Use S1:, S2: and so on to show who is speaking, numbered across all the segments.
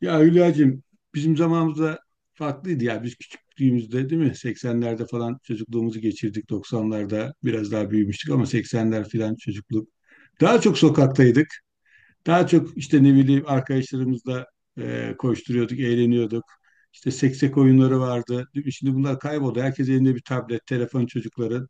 S1: Ya Hülya'cığım bizim zamanımızda farklıydı ya. Biz küçüklüğümüzde değil mi? 80'lerde falan çocukluğumuzu geçirdik. 90'larda biraz daha büyümüştük ama 80'ler falan çocukluk. Daha çok sokaktaydık. Daha çok işte ne bileyim arkadaşlarımızla koşturuyorduk, eğleniyorduk. İşte seksek oyunları vardı. Değil mi? Şimdi bunlar kayboldu. Herkes elinde bir tablet, telefon çocukların.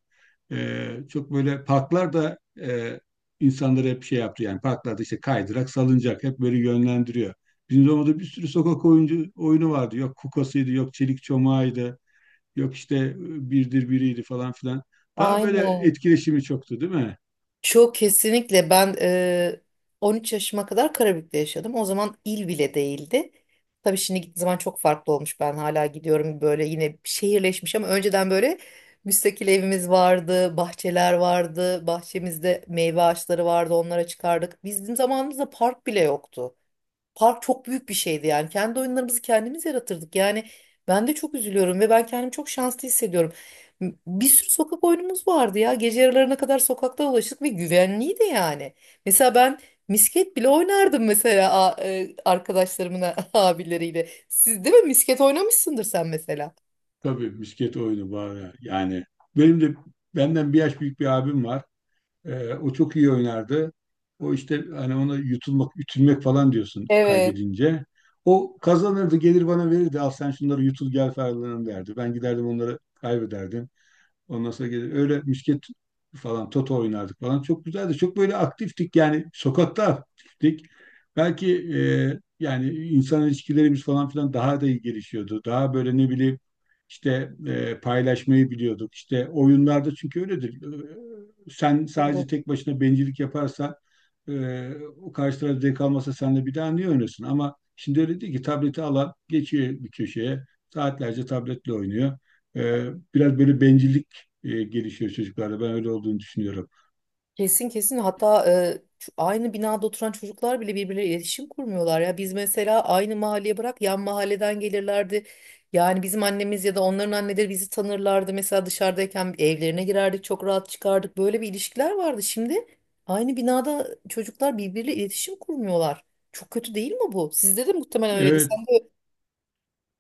S1: Çok böyle parklar da insanları hep şey yaptı yani parklarda işte kaydırak, salıncak hep böyle yönlendiriyor. Bizim zamanımızda bir sürü sokak oyuncu oyunu vardı. Yok kukasıydı, yok çelik çomağıydı, yok işte birdir biriydi falan filan. Daha böyle
S2: Aynen.
S1: etkileşimi çoktu değil mi?
S2: Çok kesinlikle ben 13 yaşıma kadar Karabük'te yaşadım. O zaman il bile değildi. Tabii şimdi gittiğim zaman çok farklı olmuş. Ben hala gidiyorum böyle yine şehirleşmiş ama önceden böyle müstakil evimiz vardı, bahçeler vardı, bahçemizde meyve ağaçları vardı, onlara çıkardık. Bizim zamanımızda park bile yoktu. Park çok büyük bir şeydi yani. Kendi oyunlarımızı kendimiz yaratırdık. Yani ben de çok üzülüyorum ve ben kendimi çok şanslı hissediyorum. Bir sürü sokak oyunumuz vardı ya. Gece yarılarına kadar sokakta dolaştık ve güvenliydi yani. Mesela ben misket bile oynardım mesela arkadaşlarımın abileriyle. Siz değil mi misket oynamışsındır sen mesela?
S1: Tabii misket oyunu var yani. Benim de benden bir yaş büyük bir abim var. O çok iyi oynardı. O işte hani ona yutulmak, ütülmek falan diyorsun
S2: Evet.
S1: kaybedince. O kazanırdı, gelir bana verirdi. Al sen şunları yutul gel falan derdi. Ben giderdim onları kaybederdim. Ondan sonra gelir öyle misket falan toto oynardık falan. Çok güzeldi. Çok böyle aktiftik yani sokakta aktiftik. Belki yani insan ilişkilerimiz falan filan daha da iyi gelişiyordu. Daha böyle ne bileyim işte paylaşmayı biliyorduk. İşte oyunlarda çünkü öyledir. Sen sadece tek başına bencillik yaparsan e, o karşı taraf zevk almasa senle bir daha niye oynasın? Ama şimdi öyle değil ki tableti alan geçiyor bir köşeye saatlerce tabletle oynuyor. E, Biraz böyle bencillik gelişiyor çocuklarda. Ben öyle olduğunu düşünüyorum.
S2: Kesin kesin hatta şu aynı binada oturan çocuklar bile birbirleriyle iletişim kurmuyorlar ya. Biz mesela aynı mahalleye bırak yan mahalleden gelirlerdi. Yani bizim annemiz ya da onların anneleri bizi tanırlardı. Mesela dışarıdayken evlerine girerdik çok rahat çıkardık. Böyle bir ilişkiler vardı. Şimdi aynı binada çocuklar birbiriyle iletişim kurmuyorlar. Çok kötü değil mi bu? Sizde de muhtemelen öyleydi.
S1: Evet,
S2: Sen de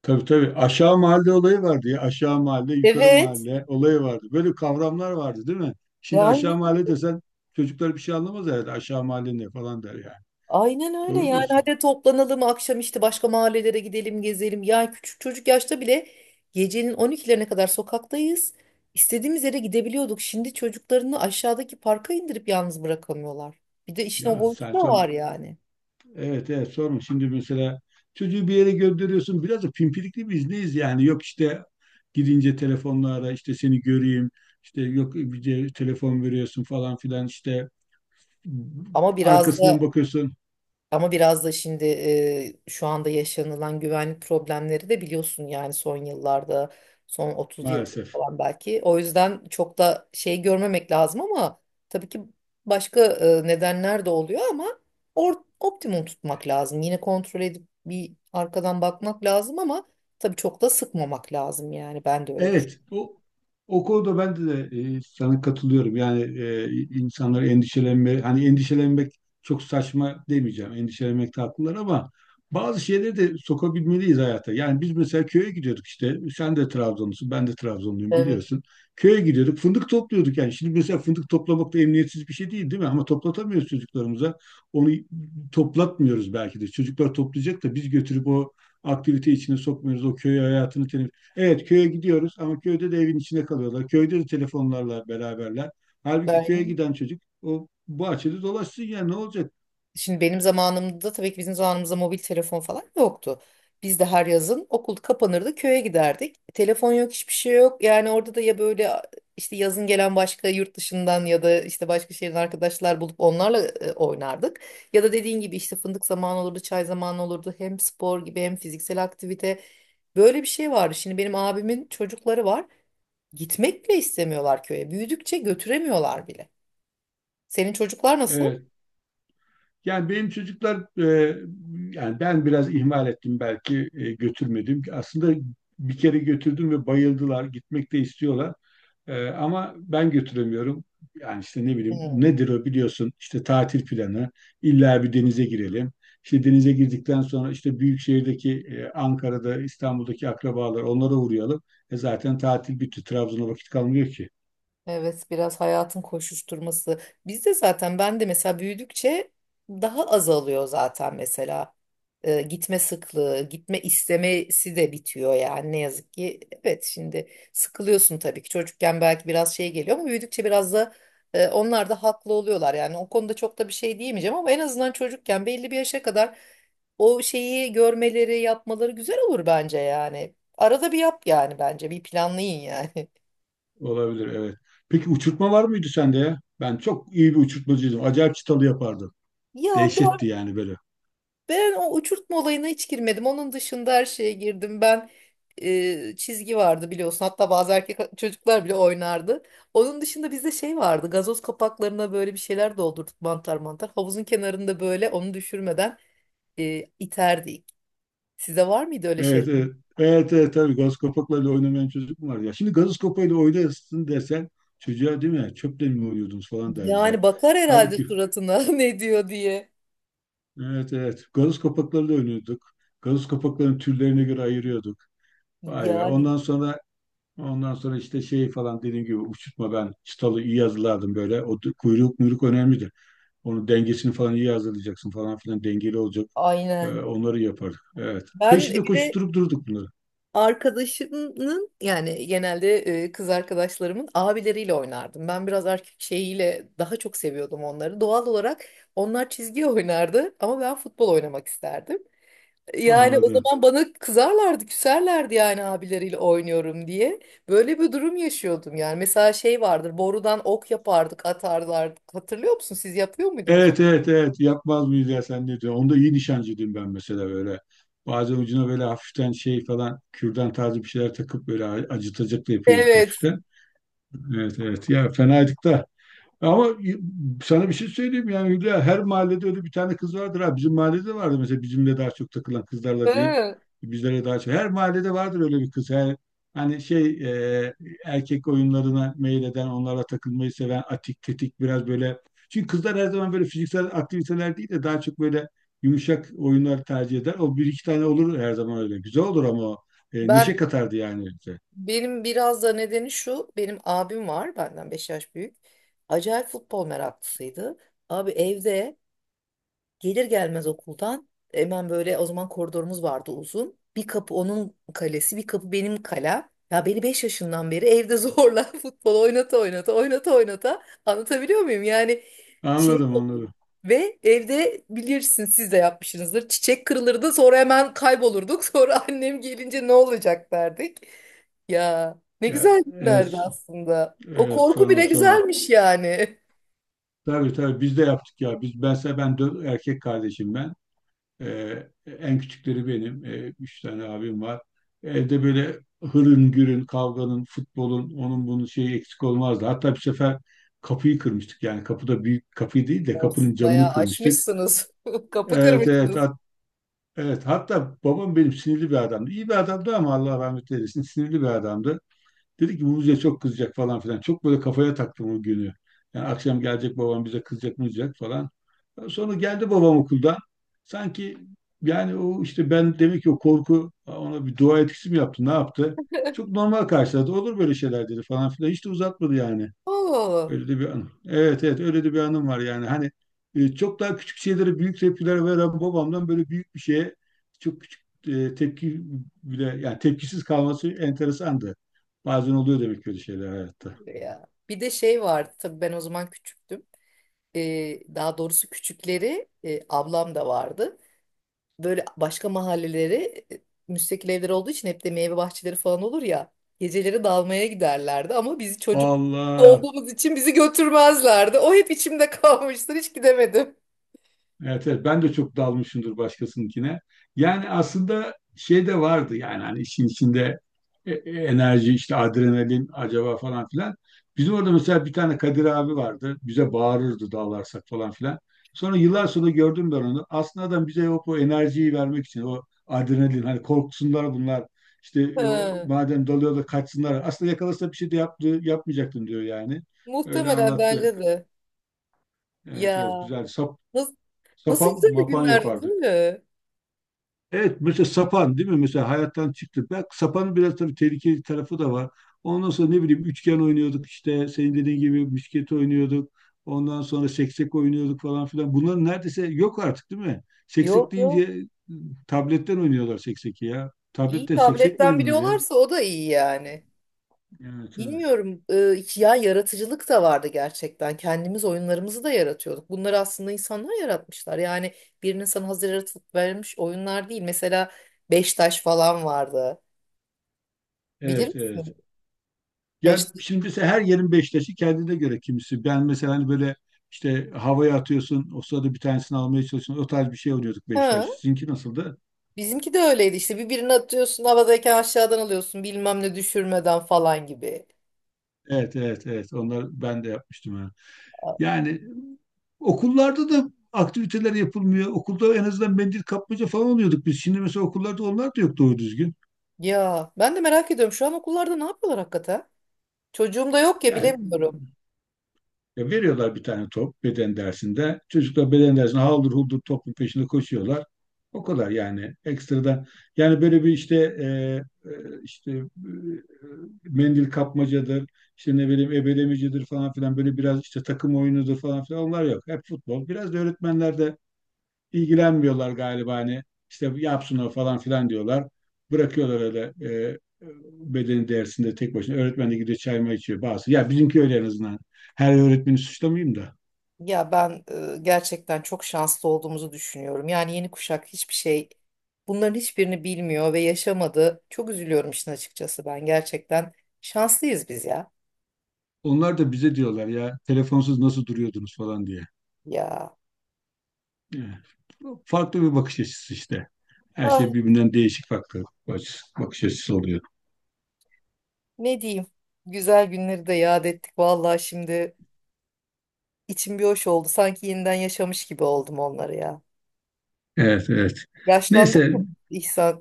S1: tabii tabii. Aşağı mahalle olayı vardı ya. Aşağı mahalle, yukarı
S2: evet.
S1: mahalle olayı vardı. Böyle kavramlar vardı değil mi?
S2: Ya
S1: Şimdi
S2: aynı
S1: aşağı mahalle desen çocuklar bir şey anlamaz herhalde. Aşağı mahalle ne falan der yani.
S2: Aynen öyle
S1: Doğru
S2: yani
S1: diyorsun.
S2: hadi toplanalım akşam işte başka mahallelere gidelim gezelim. Yani küçük çocuk yaşta bile gecenin 12'lerine kadar sokaktayız. İstediğimiz yere gidebiliyorduk. Şimdi çocuklarını aşağıdaki parka indirip yalnız bırakamıyorlar. Bir de işin o
S1: Ya
S2: boyutu da
S1: sen son...
S2: var yani.
S1: Evet evet sorma. Şimdi mesela çocuğu bir yere gönderiyorsun. Biraz da pimpirikli biz neyiz yani? Yok işte gidince telefonla ara işte seni göreyim. İşte yok bir de telefon veriyorsun falan filan işte
S2: Ama biraz da
S1: arkasından bakıyorsun.
S2: Ama biraz da şimdi şu anda yaşanılan güvenlik problemleri de biliyorsun yani son yıllarda, son 30 yıldır
S1: Maalesef.
S2: falan belki. O yüzden çok da şey görmemek lazım ama tabii ki başka nedenler de oluyor ama or optimum tutmak lazım. Yine kontrol edip bir arkadan bakmak lazım ama tabii çok da sıkmamak lazım yani ben de öyle
S1: Evet, o, o konuda ben de sana katılıyorum. Yani insanlar endişelenme, hani endişelenmek çok saçma demeyeceğim. Endişelenmek haklılar ama bazı şeyleri de sokabilmeliyiz hayata. Yani biz mesela köye gidiyorduk işte. Sen de Trabzonlusun, ben de Trabzonluyum
S2: düşünüyorum.
S1: biliyorsun. Köye gidiyorduk, fındık topluyorduk yani. Şimdi mesela fındık toplamak da emniyetsiz bir şey değil, değil mi? Ama toplatamıyoruz çocuklarımıza. Onu toplatmıyoruz belki de. Çocuklar toplayacak da biz götürüp o aktivite içine sokmuyoruz. O köy hayatını teneffüs. Evet köye gidiyoruz ama köyde de evin içinde kalıyorlar. Köyde de telefonlarla beraberler. Halbuki köye
S2: Evet.
S1: giden çocuk o bahçede dolaşsın ya ne olacak?
S2: Şimdi benim zamanımda tabii ki bizim zamanımızda mobil telefon falan yoktu. Biz de her yazın okul kapanırdı köye giderdik. Telefon yok hiçbir şey yok. Yani orada da ya böyle işte yazın gelen başka yurt dışından ya da işte başka şehrin arkadaşlar bulup onlarla oynardık. Ya da dediğin gibi işte fındık zamanı olurdu, çay zamanı olurdu. Hem spor gibi hem fiziksel aktivite. Böyle bir şey vardı. Şimdi benim abimin çocukları var. Gitmek bile istemiyorlar köye. Büyüdükçe götüremiyorlar bile. Senin çocuklar nasıl?
S1: Evet. Yani benim çocuklar yani ben biraz ihmal ettim belki götürmedim. Aslında bir kere götürdüm ve bayıldılar. Gitmek de istiyorlar. Ama ben götüremiyorum. Yani işte ne bileyim
S2: Hmm.
S1: nedir o biliyorsun işte tatil planı illa bir denize girelim. İşte denize girdikten sonra işte büyük şehirdeki Ankara'da İstanbul'daki akrabalar onlara uğrayalım. Zaten tatil bitti. Trabzon'a vakit kalmıyor ki.
S2: Evet biraz hayatın koşuşturması. Bizde zaten ben de mesela büyüdükçe daha azalıyor zaten mesela. Gitme sıklığı, gitme istemesi de bitiyor yani ne yazık ki. Evet şimdi sıkılıyorsun tabii ki. Çocukken belki biraz şey geliyor ama büyüdükçe biraz da onlar da haklı oluyorlar. Yani o konuda çok da bir şey diyemeyeceğim ama en azından çocukken belli bir yaşa kadar o şeyi görmeleri, yapmaları güzel olur bence yani. Arada bir yap yani bence. Bir planlayın yani.
S1: Olabilir evet. Peki uçurtma var mıydı sende ya? Ben çok iyi bir uçurtmacıydım. Acayip çıtalı yapardım.
S2: Ya bir
S1: Dehşetti yani böyle.
S2: Ben o uçurtma olayına hiç girmedim. Onun dışında her şeye girdim. Ben çizgi vardı biliyorsun. Hatta bazı erkek çocuklar bile oynardı. Onun dışında bizde şey vardı. Gazoz kapaklarına böyle bir şeyler doldurduk mantar mantar. Havuzun kenarında böyle onu düşürmeden iterdik. Size var mıydı öyle şeyler?
S1: Evet, evet. Evet, evet tabii gazoz kapaklarıyla oynamayan çocuk mu var ya? Şimdi gaz kapağıyla oynasın desen çocuğa değil mi? Çöple mi oynuyordunuz falan der bize.
S2: Yani bakar herhalde
S1: Halbuki
S2: suratına ne diyor diye.
S1: evet evet gazoz kapaklarıyla oynuyorduk. Gaz kapaklarının türlerine göre ayırıyorduk. Vay be.
S2: Yani
S1: Ondan sonra işte şey falan dediğim gibi uçurtma ben çıtalı iyi hazırlardım böyle. O kuyruk muyruk önemlidir. Onun dengesini falan iyi hazırlayacaksın falan filan dengeli olacak.
S2: aynen.
S1: Onları yapardık. Evet.
S2: Ben
S1: Peşinde
S2: bir de
S1: koşturup durduk bunları.
S2: Arkadaşımın yani genelde kız arkadaşlarımın abileriyle oynardım. Ben biraz erkek şeyiyle daha çok seviyordum onları. Doğal olarak onlar çizgi oynardı ama ben futbol oynamak isterdim. Yani o
S1: Anladım.
S2: zaman bana kızarlardı, küserlerdi yani abileriyle oynuyorum diye. Böyle bir durum yaşıyordum yani. Mesela şey vardır, borudan ok yapardık, atarlardık. Hatırlıyor musun? Siz yapıyor muydunuz o?
S1: Evet evet evet yapmaz mıyız ya sen ne diyorsun? Onda iyi nişancıydım ben mesela böyle. Bazen ucuna böyle hafiften şey falan kürdan tarzı bir şeyler takıp böyle acıtacaklı yapıyorduk
S2: Evet.
S1: hafiften. Evet evet ya fenaydık da. Ama sana bir şey söyleyeyim yani Hülya, her mahallede öyle bir tane kız vardır ha. Bizim mahallede vardı mesela bizimle daha çok takılan kızlarla değil
S2: Hı.
S1: bizlere daha çok. Her mahallede vardır öyle bir kız. Yani, hani şey e, erkek oyunlarına meyleden onlara takılmayı seven atik tetik biraz böyle. Çünkü kızlar her zaman böyle fiziksel aktiviteler değil de daha çok böyle yumuşak oyunlar tercih eder. O bir iki tane olur her zaman öyle. Güzel olur ama o. Neşe
S2: Ben
S1: katardı yani bize.
S2: Benim biraz da nedeni şu, benim abim var, benden 5 yaş büyük. Acayip futbol meraklısıydı. Abi evde Gelir gelmez okuldan hemen böyle o zaman koridorumuz vardı uzun. Bir kapı onun kalesi, bir kapı benim kalem. Ya beni 5 yaşından beri evde zorla futbol oynata oynata oynata oynata anlatabiliyor muyum? Yani şey
S1: Anladım
S2: oldum.
S1: anladım.
S2: Ve evde bilirsin siz de yapmışsınızdır. Çiçek kırılırdı sonra hemen kaybolurduk. Sonra annem gelince ne olacak derdik. Ya ne
S1: Ya,
S2: güzel
S1: evet,
S2: günlerdi aslında. O
S1: evet
S2: korku
S1: sorma
S2: bile
S1: sorma.
S2: güzelmiş yani.
S1: Tabii tabii biz de yaptık ya. Biz ben erkek kardeşim ben. En küçükleri benim. Üç tane abim var. Evde böyle hırın gürün, kavganın, futbolun, onun bunun şeyi eksik olmazdı. Hatta bir sefer kapıyı kırmıştık. Yani kapıda büyük kapıyı değil de
S2: O
S1: kapının
S2: siz
S1: camını
S2: bayağı
S1: kırmıştık.
S2: aşmışsınız. Kapı
S1: Evet evet
S2: kırmışsınız.
S1: evet. Hatta babam benim sinirli bir adamdı. İyi bir adamdı ama Allah rahmet eylesin sinirli bir adamdı. Dedi ki bu bize çok kızacak falan filan. Çok böyle kafaya taktım o günü. Yani akşam gelecek babam bize kızacak mızacak falan. Sonra geldi babam okuldan. Sanki yani o işte ben demek ki o korku ona bir dua etkisi mi yaptı, ne yaptı? Çok normal karşıladı. Olur böyle şeyler dedi falan filan. Hiç de uzatmadı yani.
S2: Oo,
S1: Öyle de bir anım. Evet evet öyle de bir anım var yani. Hani çok daha küçük şeylere büyük tepkiler veren babamdan böyle büyük bir şeye çok küçük tepki bile yani tepkisiz kalması enteresandı. Bazen oluyor demek ki öyle şeyler hayatta.
S2: ya. Bir de şey vardı tabii ben o zaman küçüktüm. Daha doğrusu küçükleri ablam da vardı. Böyle başka mahalleleri e, müstakil evler olduğu için hep de meyve bahçeleri falan olur ya. Geceleri dalmaya giderlerdi ama bizi çocuk
S1: Allah.
S2: olduğumuz için bizi götürmezlerdi. O hep içimde kalmıştır hiç gidemedim.
S1: Evet, evet ben de çok dalmışımdır başkasınınkine. Yani aslında şey de vardı yani hani işin içinde enerji işte adrenalin acaba falan filan. Bizim orada mesela bir tane Kadir abi vardı. Bize bağırırdı dalarsak falan filan. Sonra yıllar sonra gördüm ben onu. Aslında adam bize o enerjiyi vermek için o adrenalin hani korksunlar bunlar. İşte o,
S2: Ha,
S1: madem dalıyorlar kaçsınlar. Aslında yakalasa bir şey de yaptı, yapmayacaktım diyor yani. Öyle
S2: muhtemelen
S1: anlattı.
S2: bence de.
S1: Evet
S2: Ya
S1: evet güzel.
S2: nasıl, nasıl
S1: Sapan
S2: güzel
S1: mapan
S2: günlerdi değil
S1: yapardık.
S2: mi?
S1: Evet mesela sapan değil mi? Mesela hayattan çıktı. Bak sapanın biraz tabii tehlikeli tarafı da var. Ondan sonra ne bileyim üçgen oynuyorduk işte senin dediğin gibi misket oynuyorduk. Ondan sonra seksek oynuyorduk falan filan. Bunlar neredeyse yok artık değil mi? Seksek
S2: Yok yok.
S1: deyince tabletten oynuyorlar sekseki ya.
S2: İyi
S1: Tabletten seksek mi
S2: tabletten
S1: oynanır ya?
S2: biliyorlarsa o da iyi yani.
S1: Evet evet.
S2: Bilmiyorum ya yaratıcılık da vardı gerçekten. Kendimiz oyunlarımızı da yaratıyorduk. Bunları aslında insanlar yaratmışlar. Yani birinin sana hazır yaratıp vermiş oyunlar değil. Mesela beş taş falan vardı. Bilir
S1: Evet evet.
S2: misin? Beş
S1: Yani
S2: taş.
S1: şimdi mesela her yerin Beşiktaş'ı kendine göre kimisi. Ben mesela hani böyle işte havaya atıyorsun. O sırada bir tanesini almaya çalışıyorsun. O tarz bir şey oynuyorduk
S2: Ha,
S1: Beşiktaş. Sizinki nasıldı?
S2: bizimki de öyleydi işte birbirini atıyorsun havadayken aşağıdan alıyorsun bilmem ne düşürmeden falan gibi.
S1: Evet, evet, evet. Onlar ben de yapmıştım yani. Yani okullarda da aktiviteler yapılmıyor. Okulda en azından mendil kapmaca falan oluyorduk biz. Şimdi mesela okullarda onlar da yok doğru düzgün.
S2: Ya ben de merak ediyorum şu an okullarda ne yapıyorlar hakikaten? Çocuğum da yok ya
S1: Yani
S2: bilemiyorum.
S1: ya veriyorlar bir tane top beden dersinde. Çocuklar beden dersinde haldır huldur topun peşinde koşuyorlar. O kadar yani ekstradan. Yani böyle bir işte e, işte mendil kapmacadır, işte ne bileyim ebelemecidir falan filan böyle biraz işte takım oyunudur falan filan onlar yok. Hep futbol. Biraz da öğretmenler de ilgilenmiyorlar galiba hani işte yapsın o falan filan diyorlar. Bırakıyorlar öyle e, bedeni dersinde tek başına. Öğretmen de gidiyor çay mı içiyor bazı. Ya bizimki öyle en azından. Her öğretmeni suçlamayayım da.
S2: Ya ben gerçekten çok şanslı olduğumuzu düşünüyorum. Yani yeni kuşak hiçbir şey bunların hiçbirini bilmiyor ve yaşamadı. Çok üzülüyorum işin açıkçası ben. Gerçekten şanslıyız biz ya.
S1: Onlar da bize diyorlar ya telefonsuz nasıl duruyordunuz falan diye.
S2: Ya
S1: Evet. Farklı bir bakış açısı işte. Her
S2: ah
S1: şey birbirinden değişik farklı bakış, bakış açısı oluyor.
S2: ne diyeyim. Güzel günleri de yad ettik. Vallahi şimdi içim bir hoş oldu. Sanki yeniden yaşamış gibi oldum onları ya.
S1: Evet, evet.
S2: Yaşlandık
S1: Neyse.
S2: mı İhsan?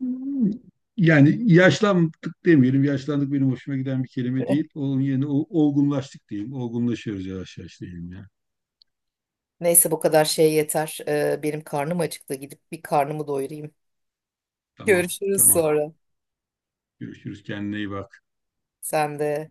S1: Hmm. Yani yaşlandık demeyelim. Yaşlandık benim hoşuma giden bir kelime değil. Onun yerine olgunlaştık diyeyim. Olgunlaşıyoruz yavaş yavaş diyeyim ya.
S2: Neyse bu kadar şey yeter. Benim karnım acıktı. Gidip bir karnımı doyurayım.
S1: Tamam,
S2: Görüşürüz
S1: tamam.
S2: sonra.
S1: Görüşürüz. Kendine iyi bak.
S2: Sen de.